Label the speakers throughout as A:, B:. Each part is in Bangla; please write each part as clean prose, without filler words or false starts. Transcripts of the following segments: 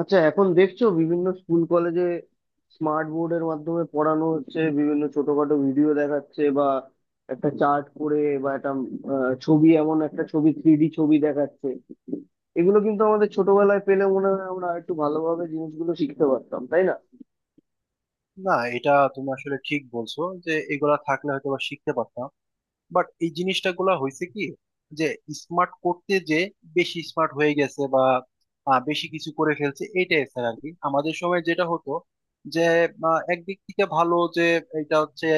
A: আচ্ছা, এখন দেখছো বিভিন্ন স্কুল কলেজে স্মার্ট বোর্ডের মাধ্যমে পড়ানো হচ্ছে, বিভিন্ন ছোটখাটো ভিডিও দেখাচ্ছে বা একটা চার্ট করে বা একটা ছবি, এমন একটা ছবি থ্রিডি ছবি দেখাচ্ছে। এগুলো কিন্তু আমাদের ছোটবেলায় পেলে মনে হয় আমরা একটু ভালোভাবে জিনিসগুলো শিখতে পারতাম, তাই না?
B: না, এটা তুমি আসলে ঠিক বলছো যে এগুলা থাকলে হয়তো বা শিখতে পারতাম। বাট এই জিনিসটা গুলা হয়েছে কি, যে স্মার্ট করতে বেশি স্মার্ট হয়ে গেছে, বা বেশি কিছু করে ফেলছে। এটাই স্যার আর কি, আমাদের সময় যেটা হতো, যে একদিক থেকে ভালো যে এটা হচ্ছে,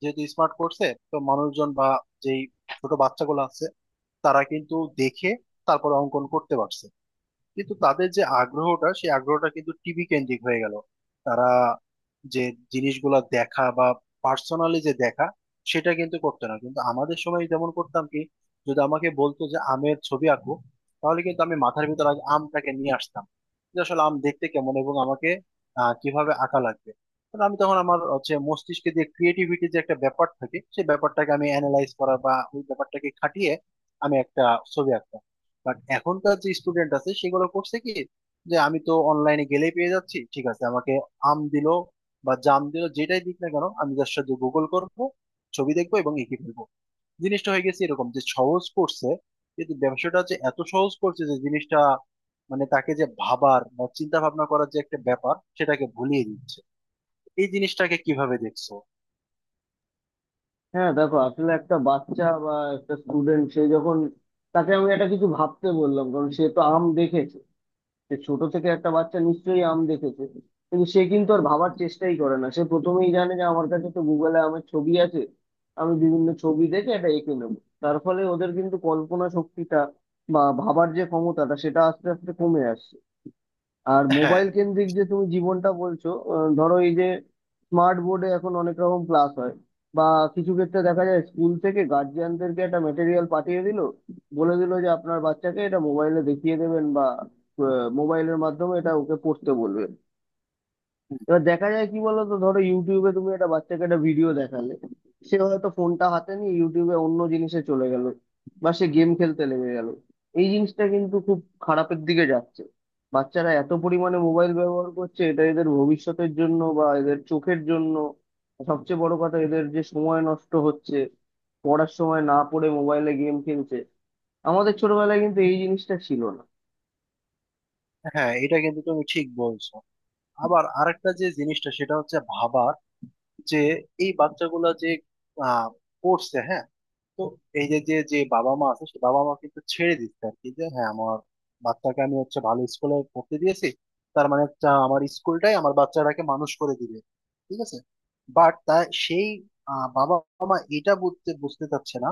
B: যেহেতু স্মার্ট করছে। তো মানুষজন বা যেই ছোট বাচ্চাগুলো আছে, তারা কিন্তু দেখে তারপর অঙ্কন করতে পারছে। কিন্তু তাদের যে আগ্রহটা, সেই আগ্রহটা কিন্তু টিভি কেন্দ্রিক হয়ে গেল। তারা যে জিনিসগুলো দেখা বা পার্সোনালি যে দেখা, সেটা কিন্তু করতে না। কিন্তু আমাদের সময় যেমন করতাম কি, যদি আমাকে বলতো যে আমের ছবি আঁকো, তাহলে কিন্তু আমি মাথার ভিতর আগে আমটাকে নিয়ে আসতাম, যে আসলে আম দেখতে কেমন এবং আমাকে কিভাবে আঁকা লাগবে। কারণ আমি তখন আমার হচ্ছে মস্তিষ্কে যে ক্রিয়েটিভিটি যে একটা ব্যাপার থাকে, সেই ব্যাপারটাকে আমি অ্যানালাইজ করা বা ওই ব্যাপারটাকে খাটিয়ে আমি একটা ছবি আঁকতাম। বাট এখনকার যে স্টুডেন্ট আছে, সেগুলো করছে কি, যে আমি তো অনলাইনে গেলেই পেয়ে যাচ্ছি। ঠিক আছে, আমাকে আম দিল বা জাম দিল, যেটাই দিক না কেন, আমি তার সাথে গুগল করব, ছবি দেখবো এবং এঁকে ফেলবো। জিনিসটা হয়ে গেছে এরকম, যে সহজ করছে, কিন্তু ব্যবসাটা যে এত সহজ করছে যে জিনিসটা, মানে তাকে যে ভাবার বা চিন্তা ভাবনা করার যে একটা ব্যাপার, সেটাকে ভুলিয়ে দিচ্ছে। এই জিনিসটাকে কিভাবে দেখছো?
A: হ্যাঁ, দেখো আসলে একটা বাচ্চা বা একটা স্টুডেন্ট, সে যখন, তাকে আমি একটা কিছু ভাবতে বললাম, কারণ সে তো আম দেখেছে। সে ছোট থেকে, একটা বাচ্চা নিশ্চয়ই আম দেখেছে, কিন্তু সে কিন্তু আর ভাবার চেষ্টাই করে না। সে প্রথমেই জানে যে আমার কাছে তো গুগলে আমের ছবি আছে, আমি বিভিন্ন ছবি দেখে এটা এঁকে নেবো। তার ফলে ওদের কিন্তু কল্পনা শক্তিটা বা ভাবার যে ক্ষমতাটা, সেটা আস্তে আস্তে কমে আসছে। আর
B: হ্যাঁ,
A: মোবাইল কেন্দ্রিক যে তুমি জীবনটা বলছো, ধরো এই যে স্মার্ট বোর্ডে এখন অনেক রকম ক্লাস হয় বা কিছু ক্ষেত্রে দেখা যায় স্কুল থেকে গার্জিয়ানদেরকে একটা মেটেরিয়াল পাঠিয়ে দিল, বলে দিল যে আপনার বাচ্চাকে এটা মোবাইলে দেখিয়ে দেবেন বা মোবাইলের মাধ্যমে এটা ওকে পড়তে বলবে। এবার দেখা যায় কি বলতো, ধরো ইউটিউবে তুমি একটা বাচ্চাকে একটা ভিডিও দেখালে, সে হয়তো ফোনটা হাতে নিয়ে ইউটিউবে অন্য জিনিসে চলে গেল বা সে গেম খেলতে লেগে গেল। এই জিনিসটা কিন্তু খুব খারাপের দিকে যাচ্ছে। বাচ্চারা এত পরিমাণে মোবাইল ব্যবহার করছে, এটা এদের ভবিষ্যতের জন্য বা এদের চোখের জন্য, সবচেয়ে বড় কথা এদের যে সময় নষ্ট হচ্ছে, পড়ার সময় না পড়ে মোবাইলে গেম খেলছে। আমাদের ছোটবেলায় কিন্তু এই জিনিসটা ছিল না।
B: হ্যাঁ, এটা কিন্তু তুমি ঠিক বলছো। আবার আরেকটা যে জিনিসটা সেটা হচ্ছে ভাবা, যে এই বাচ্চাগুলা যে আহ, পড়ছে। হ্যাঁ। তো এই যে যে যে বাবা মা আছে, সে বাবা মা কিন্তু ছেড়ে দিচ্ছে আর কি, যে হ্যাঁ আমার বাচ্চাকে আমি হচ্ছে ভালো স্কুলে পড়তে দিয়েছি। তার মানে হচ্ছে আমার স্কুলটাই আমার বাচ্চাটাকে মানুষ করে দিবে, ঠিক আছে? বাট তা সেই বাবা মা এটা বুঝতে বুঝতে চাচ্ছে না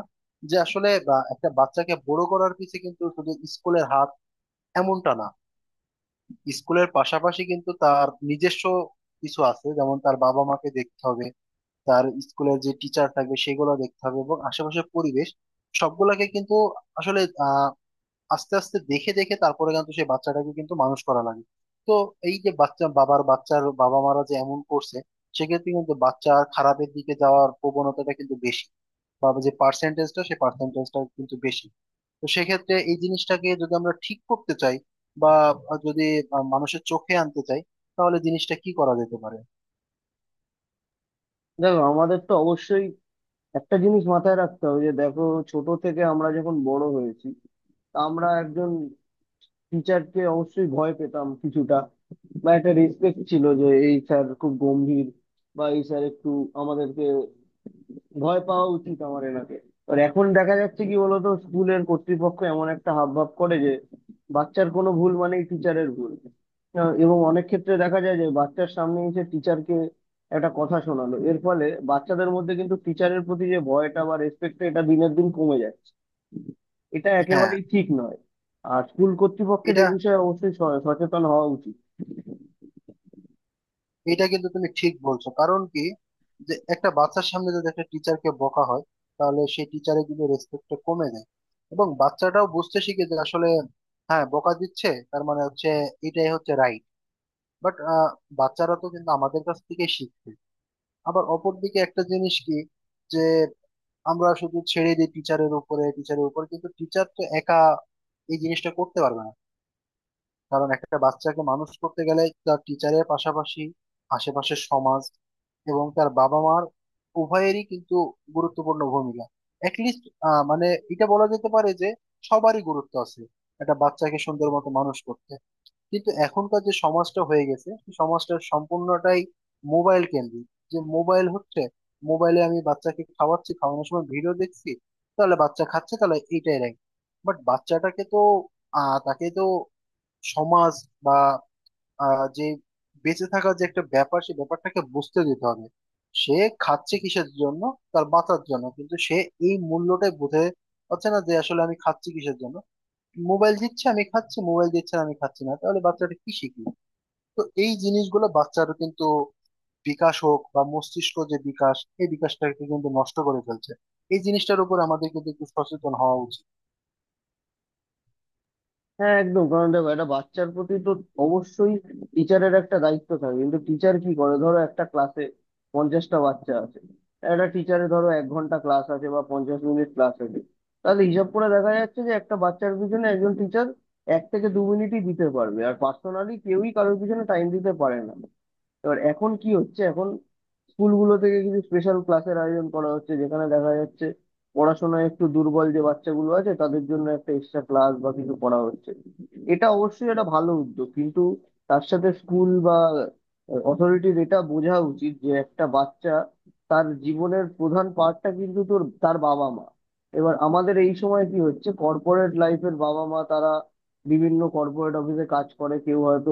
B: যে আসলে একটা বাচ্চাকে বড় করার পিছে কিন্তু শুধু স্কুলের হাত, এমনটা না। স্কুলের পাশাপাশি কিন্তু তার নিজস্ব কিছু আছে, যেমন তার বাবা মাকে দেখতে হবে, তার স্কুলের যে টিচার থাকবে সেগুলো দেখতে হবে এবং আশেপাশের পরিবেশ সবগুলাকে কিন্তু আসলে আহ আস্তে আস্তে দেখে দেখে তারপরে কিন্তু সেই বাচ্চাটাকে কিন্তু মানুষ করা লাগে। তো এই যে বাচ্চার বাবা মারা যে এমন করছে, সেক্ষেত্রে কিন্তু বাচ্চা খারাপের দিকে যাওয়ার প্রবণতাটা কিন্তু বেশি, বা যে পার্সেন্টেজটা, সেই পার্সেন্টেজটা কিন্তু বেশি। তো সেক্ষেত্রে এই জিনিসটাকে যদি আমরা ঠিক করতে চাই, বা যদি মানুষের চোখে আনতে চাই, তাহলে জিনিসটা কি করা যেতে পারে?
A: দেখো, আমাদের তো অবশ্যই একটা জিনিস মাথায় রাখতে হবে, যে দেখো ছোট থেকে আমরা যখন বড় হয়েছি, তা আমরা একজন টিচারকে অবশ্যই ভয় পেতাম কিছুটা, বা একটা রেসপেক্ট ছিল যে এই স্যার খুব গম্ভীর বা এই স্যার একটু, আমাদেরকে ভয় পাওয়া উচিত আমার এনাকে। আর এখন দেখা যাচ্ছে কি বলতো, স্কুলের কর্তৃপক্ষ এমন একটা হাবভাব করে যে বাচ্চার কোনো ভুল মানেই টিচারের ভুল। এবং অনেক ক্ষেত্রে দেখা যায় যে বাচ্চার সামনে এসে টিচারকে একটা কথা শোনালো, এর ফলে বাচ্চাদের মধ্যে কিন্তু টিচারের প্রতি যে ভয়টা বা রেসপেক্টটা, এটা দিনের দিন কমে যাচ্ছে। এটা
B: হ্যাঁ,
A: একেবারেই ঠিক নয়। আর স্কুল কর্তৃপক্ষের
B: এটা
A: এই বিষয়ে অবশ্যই সচেতন হওয়া উচিত।
B: এটা কিন্তু তুমি ঠিক বলছো। কারণ কি, যে একটা বাচ্চার সামনে যদি একটা টিচারকে বকা হয়, তাহলে সেই টিচারের কিন্তু রেসপেক্টটা কমে যায়, এবং বাচ্চাটাও বুঝতে শিখে যে আসলে হ্যাঁ বকা দিচ্ছে, তার মানে হচ্ছে এটাই হচ্ছে রাইট। বাট বাচ্চারা তো কিন্তু আমাদের কাছ থেকে শিখছে। আবার অপরদিকে একটা জিনিস কি, যে আমরা শুধু ছেড়ে দিই টিচারের উপর, কিন্তু টিচার তো একা এই জিনিসটা করতে পারবে না। কারণ একটা বাচ্চাকে মানুষ করতে গেলে তার টিচারের পাশাপাশি আশেপাশের সমাজ এবং তার বাবা মার উভয়েরই কিন্তু গুরুত্বপূর্ণ ভূমিকা। অ্যাটলিস্ট মানে এটা বলা যেতে পারে যে সবারই গুরুত্ব আছে একটা বাচ্চাকে সুন্দর মতো মানুষ করতে। কিন্তু এখনকার যে সমাজটা হয়ে গেছে, সেই সমাজটা সম্পূর্ণটাই মোবাইল কেন্দ্রিক, যে মোবাইল হচ্ছে, মোবাইলে আমি বাচ্চাকে খাওয়াচ্ছি, খাওয়ানোর সময় ভিডিও দেখছি, তাহলে বাচ্চা খাচ্ছে, তাহলে এইটাই রাখি। বাট বাচ্চাটাকে তো তাকে তো সমাজ বা যে বেঁচে থাকার যে একটা ব্যাপার, সেই ব্যাপারটাকে বুঝতে দিতে হবে। সে খাচ্ছে কিসের জন্য, তার বাঁচার জন্য, কিন্তু সে এই মূল্যটাই বুঝে পাচ্ছে না যে আসলে আমি খাচ্ছি কিসের জন্য। মোবাইল দিচ্ছে আমি খাচ্ছি, মোবাইল দিচ্ছে না আমি খাচ্ছি না, তাহলে বাচ্চাটা কি শিখবে? তো এই জিনিসগুলো বাচ্চার কিন্তু বিকাশ হোক বা মস্তিষ্ক যে বিকাশ, এই বিকাশটাকে কিন্তু নষ্ট করে ফেলছে। এই জিনিসটার উপর আমাদের কিন্তু একটু সচেতন হওয়া উচিত।
A: হ্যাঁ একদম, কারণ দেখো একটা বাচ্চার প্রতি তো অবশ্যই টিচারের একটা দায়িত্ব থাকে, কিন্তু টিচার কি করে? ধরো একটা ক্লাসে 50টা বাচ্চা আছে, একটা টিচারে ধরো 1 ঘন্টা ক্লাস আছে বা 50 মিনিট ক্লাস আছে। তাহলে হিসাব করে দেখা যাচ্ছে যে একটা বাচ্চার পিছনে একজন টিচার 1 থেকে 2 মিনিটই দিতে পারবে। আর পার্সোনালি কেউই কারোর পিছনে টাইম দিতে পারে না। এবার এখন কি হচ্ছে, এখন স্কুলগুলো থেকে কিছু স্পেশাল ক্লাসের আয়োজন করা হচ্ছে, যেখানে দেখা যাচ্ছে পড়াশোনায় একটু দুর্বল যে বাচ্চাগুলো আছে তাদের জন্য একটা এক্সট্রা ক্লাস বা কিছু করা হচ্ছে। এটা অবশ্যই একটা ভালো উদ্যোগ, কিন্তু তার সাথে স্কুল বা অথরিটির এটা বোঝা উচিত যে একটা বাচ্চা, তার জীবনের প্রধান পার্টটা কিন্তু তোর তার বাবা মা। এবার আমাদের এই সময় কি হচ্ছে, কর্পোরেট লাইফের বাবা মা, তারা বিভিন্ন কর্পোরেট অফিসে কাজ করে, কেউ হয়তো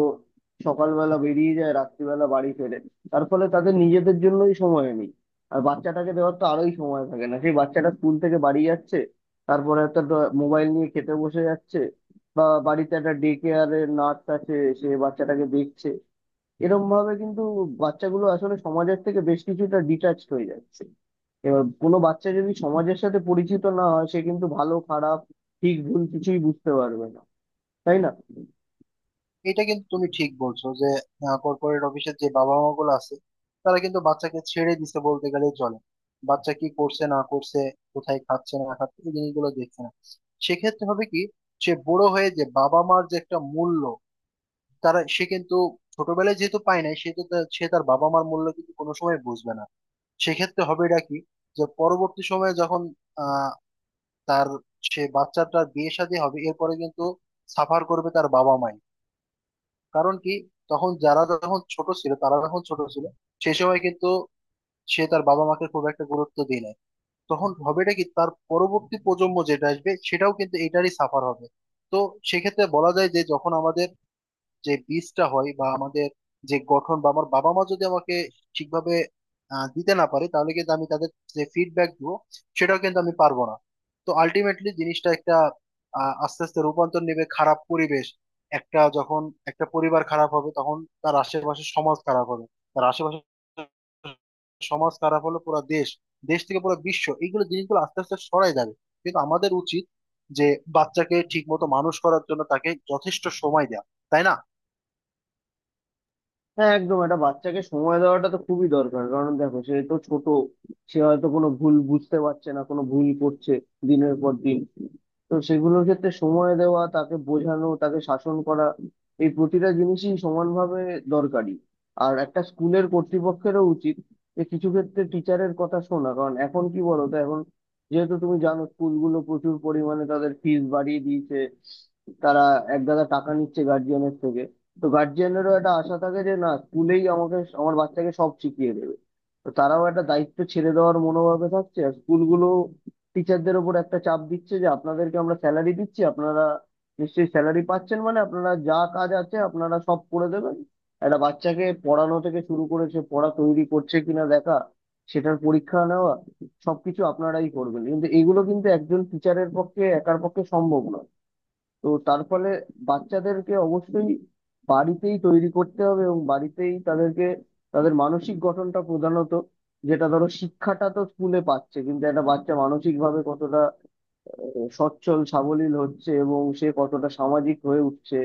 A: সকালবেলা বেরিয়ে যায়, রাত্রিবেলা বাড়ি ফেরে। তার ফলে তাদের নিজেদের জন্যই সময় নেই, আর বাচ্চাটাকে দেওয়ার তো আরোই সময় থাকে না। সেই বাচ্চাটা স্কুল থেকে বাড়ি যাচ্ছে, তারপরে একটা মোবাইল নিয়ে খেতে বসে যাচ্ছে, বা বাড়িতে একটা ডে কেয়ারের নার্স আছে, সে বাচ্চাটাকে দেখছে। এরকম ভাবে কিন্তু বাচ্চাগুলো আসলে সমাজের থেকে বেশ কিছুটা ডিটাচড হয়ে যাচ্ছে। এবার কোনো বাচ্চা যদি সমাজের সাথে পরিচিত না হয়, সে কিন্তু ভালো খারাপ, ঠিক ভুল কিছুই বুঝতে পারবে না, তাই না?
B: এটা কিন্তু তুমি ঠিক বলছো যে কর্পোরেট অফিসের যে বাবা মা গুলো আছে, তারা কিন্তু বাচ্চাকে ছেড়ে দিছে বলতে গেলেই চলে। বাচ্চা কি করছে না করছে, কোথায় খাচ্ছে না খাচ্ছে, এই জিনিসগুলো দেখছে না। সেক্ষেত্রে হবে কি, সে বড় হয়ে যে বাবা মার যে একটা মূল্য, সে কিন্তু ছোটবেলায় যেহেতু পায় নাই, সে তার বাবা মার মূল্য কিন্তু কোনো সময় বুঝবে না। সেক্ষেত্রে হবে এটা কি, যে পরবর্তী সময়ে যখন আহ তার সে বাচ্চাটার বিয়ে শাদী হবে, এরপরে কিন্তু সাফার করবে তার বাবা মাই। কারণ কি, তখন যারা যখন ছোট ছিল তারা যখন ছোট ছিল, সে সময় কিন্তু সে তার বাবা মাকে খুব একটা গুরুত্ব দিয়ে নাই। তখন হবেটা কি, তার পরবর্তী প্রজন্ম যেটা আসবে, সেটাও কিন্তু এটারই সাফার হবে। তো সেক্ষেত্রে বলা যায় যে যখন আমাদের যে বীজটা হয় বা আমাদের যে গঠন, বা আমার বাবা মা যদি আমাকে ঠিকভাবে দিতে না পারে, তাহলে কিন্তু আমি তাদের যে ফিডব্যাক দিব, সেটাও কিন্তু আমি পারবো না। তো আলটিমেটলি জিনিসটা একটা আস্তে আস্তে রূপান্তর নেবে খারাপ পরিবেশ। একটা যখন একটা পরিবার খারাপ হবে, তখন তার আশেপাশে সমাজ খারাপ হবে, তার আশেপাশে সমাজ খারাপ হলে পুরো দেশ, দেশ থেকে পুরো বিশ্ব, এইগুলো জিনিসগুলো আস্তে আস্তে সরাই যাবে। কিন্তু আমাদের উচিত যে বাচ্চাকে ঠিক মতো মানুষ করার জন্য তাকে যথেষ্ট সময় দেওয়া, তাই না?
A: হ্যাঁ একদম, এটা বাচ্চাকে সময় দেওয়াটা তো খুবই দরকার, কারণ দেখো সে তো ছোট। সে হয়তো কোনো ভুল বুঝতে পারছে না, কোনো ভুল করছে দিনের পর দিন। তো সেগুলোর ক্ষেত্রে সময় দেওয়া, তাকে বোঝানো, তাকে শাসন করা, এই প্রতিটা জিনিসই সমানভাবে দরকারি। আর একটা স্কুলের কর্তৃপক্ষেরও উচিত যে কিছু ক্ষেত্রে টিচারের কথা শোনা, কারণ এখন কি বলো তো, এখন যেহেতু তুমি জানো স্কুলগুলো প্রচুর পরিমাণে তাদের ফিস বাড়িয়ে দিয়েছে, তারা এক গাদা টাকা নিচ্ছে গার্জিয়ানের থেকে। তো গার্জিয়ানেরও একটা আশা থাকে যে না, স্কুলেই আমাকে আমার বাচ্চাকে সব শিখিয়ে দেবে। তো তারাও একটা দায়িত্ব ছেড়ে দেওয়ার মনোভাবে থাকছে, আর স্কুলগুলো টিচারদের ওপর একটা চাপ দিচ্ছে যে আপনাদেরকে আমরা স্যালারি দিচ্ছি, আপনারা নিশ্চয়ই স্যালারি পাচ্ছেন, মানে আপনারা যা কাজ আছে আপনারা সব করে দেবেন। একটা বাচ্চাকে পড়ানো থেকে শুরু করে সে পড়া তৈরি করছে কিনা দেখা, সেটার পরীক্ষা নেওয়া, সবকিছু আপনারাই করবেন, কিন্তু এগুলো কিন্তু একজন টিচারের পক্ষে একার পক্ষে সম্ভব নয়। তো তার ফলে বাচ্চাদেরকে অবশ্যই বাড়িতেই তৈরি করতে হবে এবং বাড়িতেই তাদেরকে, তাদের মানসিক গঠনটা প্রধানত, যেটা ধরো শিক্ষাটা তো স্কুলে পাচ্ছে, কিন্তু একটা বাচ্চা মানসিক ভাবে কতটা সচ্ছল, সাবলীল হচ্ছে এবং সে কতটা সামাজিক হয়ে উঠছে,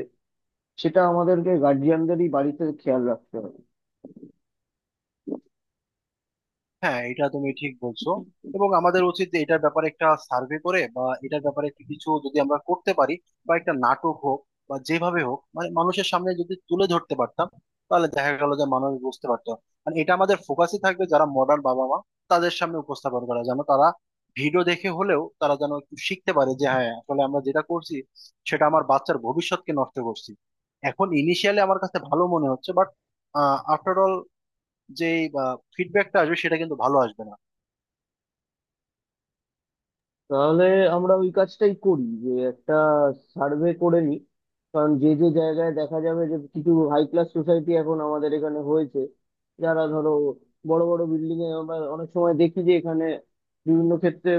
A: সেটা আমাদেরকে গার্জিয়ানদেরই বাড়িতে খেয়াল রাখতে হবে।
B: হ্যাঁ, এটা তুমি ঠিক বলছো। এবং আমাদের উচিত যে এটার ব্যাপারে একটা সার্ভে করে, বা এটার ব্যাপারে একটু কিছু যদি আমরা করতে পারি, বা একটা নাটক হোক, বা যেভাবে হোক, মানে মানুষের সামনে যদি তুলে ধরতে পারতাম, তাহলে দেখা গেল যে মানুষ বুঝতে পারতো। মানে এটা আমাদের ফোকাসই থাকবে, যারা মডার্ন বাবা মা তাদের সামনে উপস্থাপন করা, যেন তারা ভিডিও দেখে হলেও তারা যেন একটু শিখতে পারে যে হ্যাঁ আসলে আমরা যেটা করছি, সেটা আমার বাচ্চার ভবিষ্যৎকে নষ্ট করছি। এখন ইনিশিয়ালি আমার কাছে ভালো মনে হচ্ছে, বাট আফটার অল যে ফিডব্যাকটা আসবে, সেটা কিন্তু ভালো আসবে না।
A: তাহলে আমরা ওই কাজটাই করি, যে একটা সার্ভে করে নিই। কারণ যে যে জায়গায় দেখা যাবে, যে কিছু হাই ক্লাস সোসাইটি এখন আমাদের এখানে হয়েছে, যারা ধরো বড় বড় বিল্ডিং এ, আমরা অনেক সময় দেখি যে এখানে বিভিন্ন ক্ষেত্রে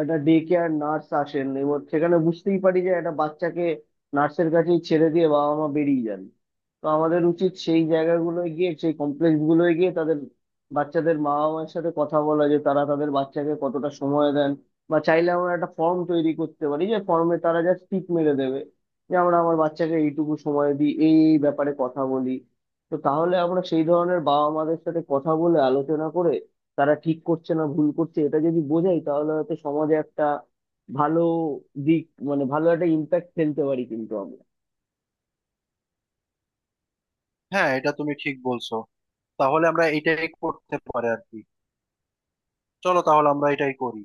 A: একটা ডে কেয়ার নার্স আসেন, এবং সেখানে বুঝতেই পারি যে একটা বাচ্চাকে নার্সের কাছেই ছেড়ে দিয়ে বাবা মা বেরিয়ে যান। তো আমাদের উচিত সেই জায়গাগুলোয় গিয়ে, সেই কমপ্লেক্স গুলোয় গিয়ে তাদের বাচ্চাদের মা বাবার সাথে কথা বলা, যে তারা তাদের বাচ্চাকে কতটা সময় দেন। বা চাইলে আমরা একটা ফর্ম তৈরি করতে পারি, যে ফর্মে তারা জাস্ট টিক মেরে দেবে যে আমরা আমার বাচ্চাকে এইটুকু সময় দিই, এই এই ব্যাপারে কথা বলি। তো তাহলে আমরা সেই ধরনের বাবা মাদের সাথে কথা বলে, আলোচনা করে, তারা ঠিক করছে না ভুল করছে এটা যদি বোঝাই, তাহলে হয়তো সমাজে একটা ভালো দিক, মানে ভালো একটা ইম্প্যাক্ট ফেলতে পারি কিন্তু আমরা।
B: হ্যাঁ, এটা তুমি ঠিক বলছো। তাহলে আমরা এটাই করতে পারি আর কি। চলো তাহলে আমরা এটাই করি।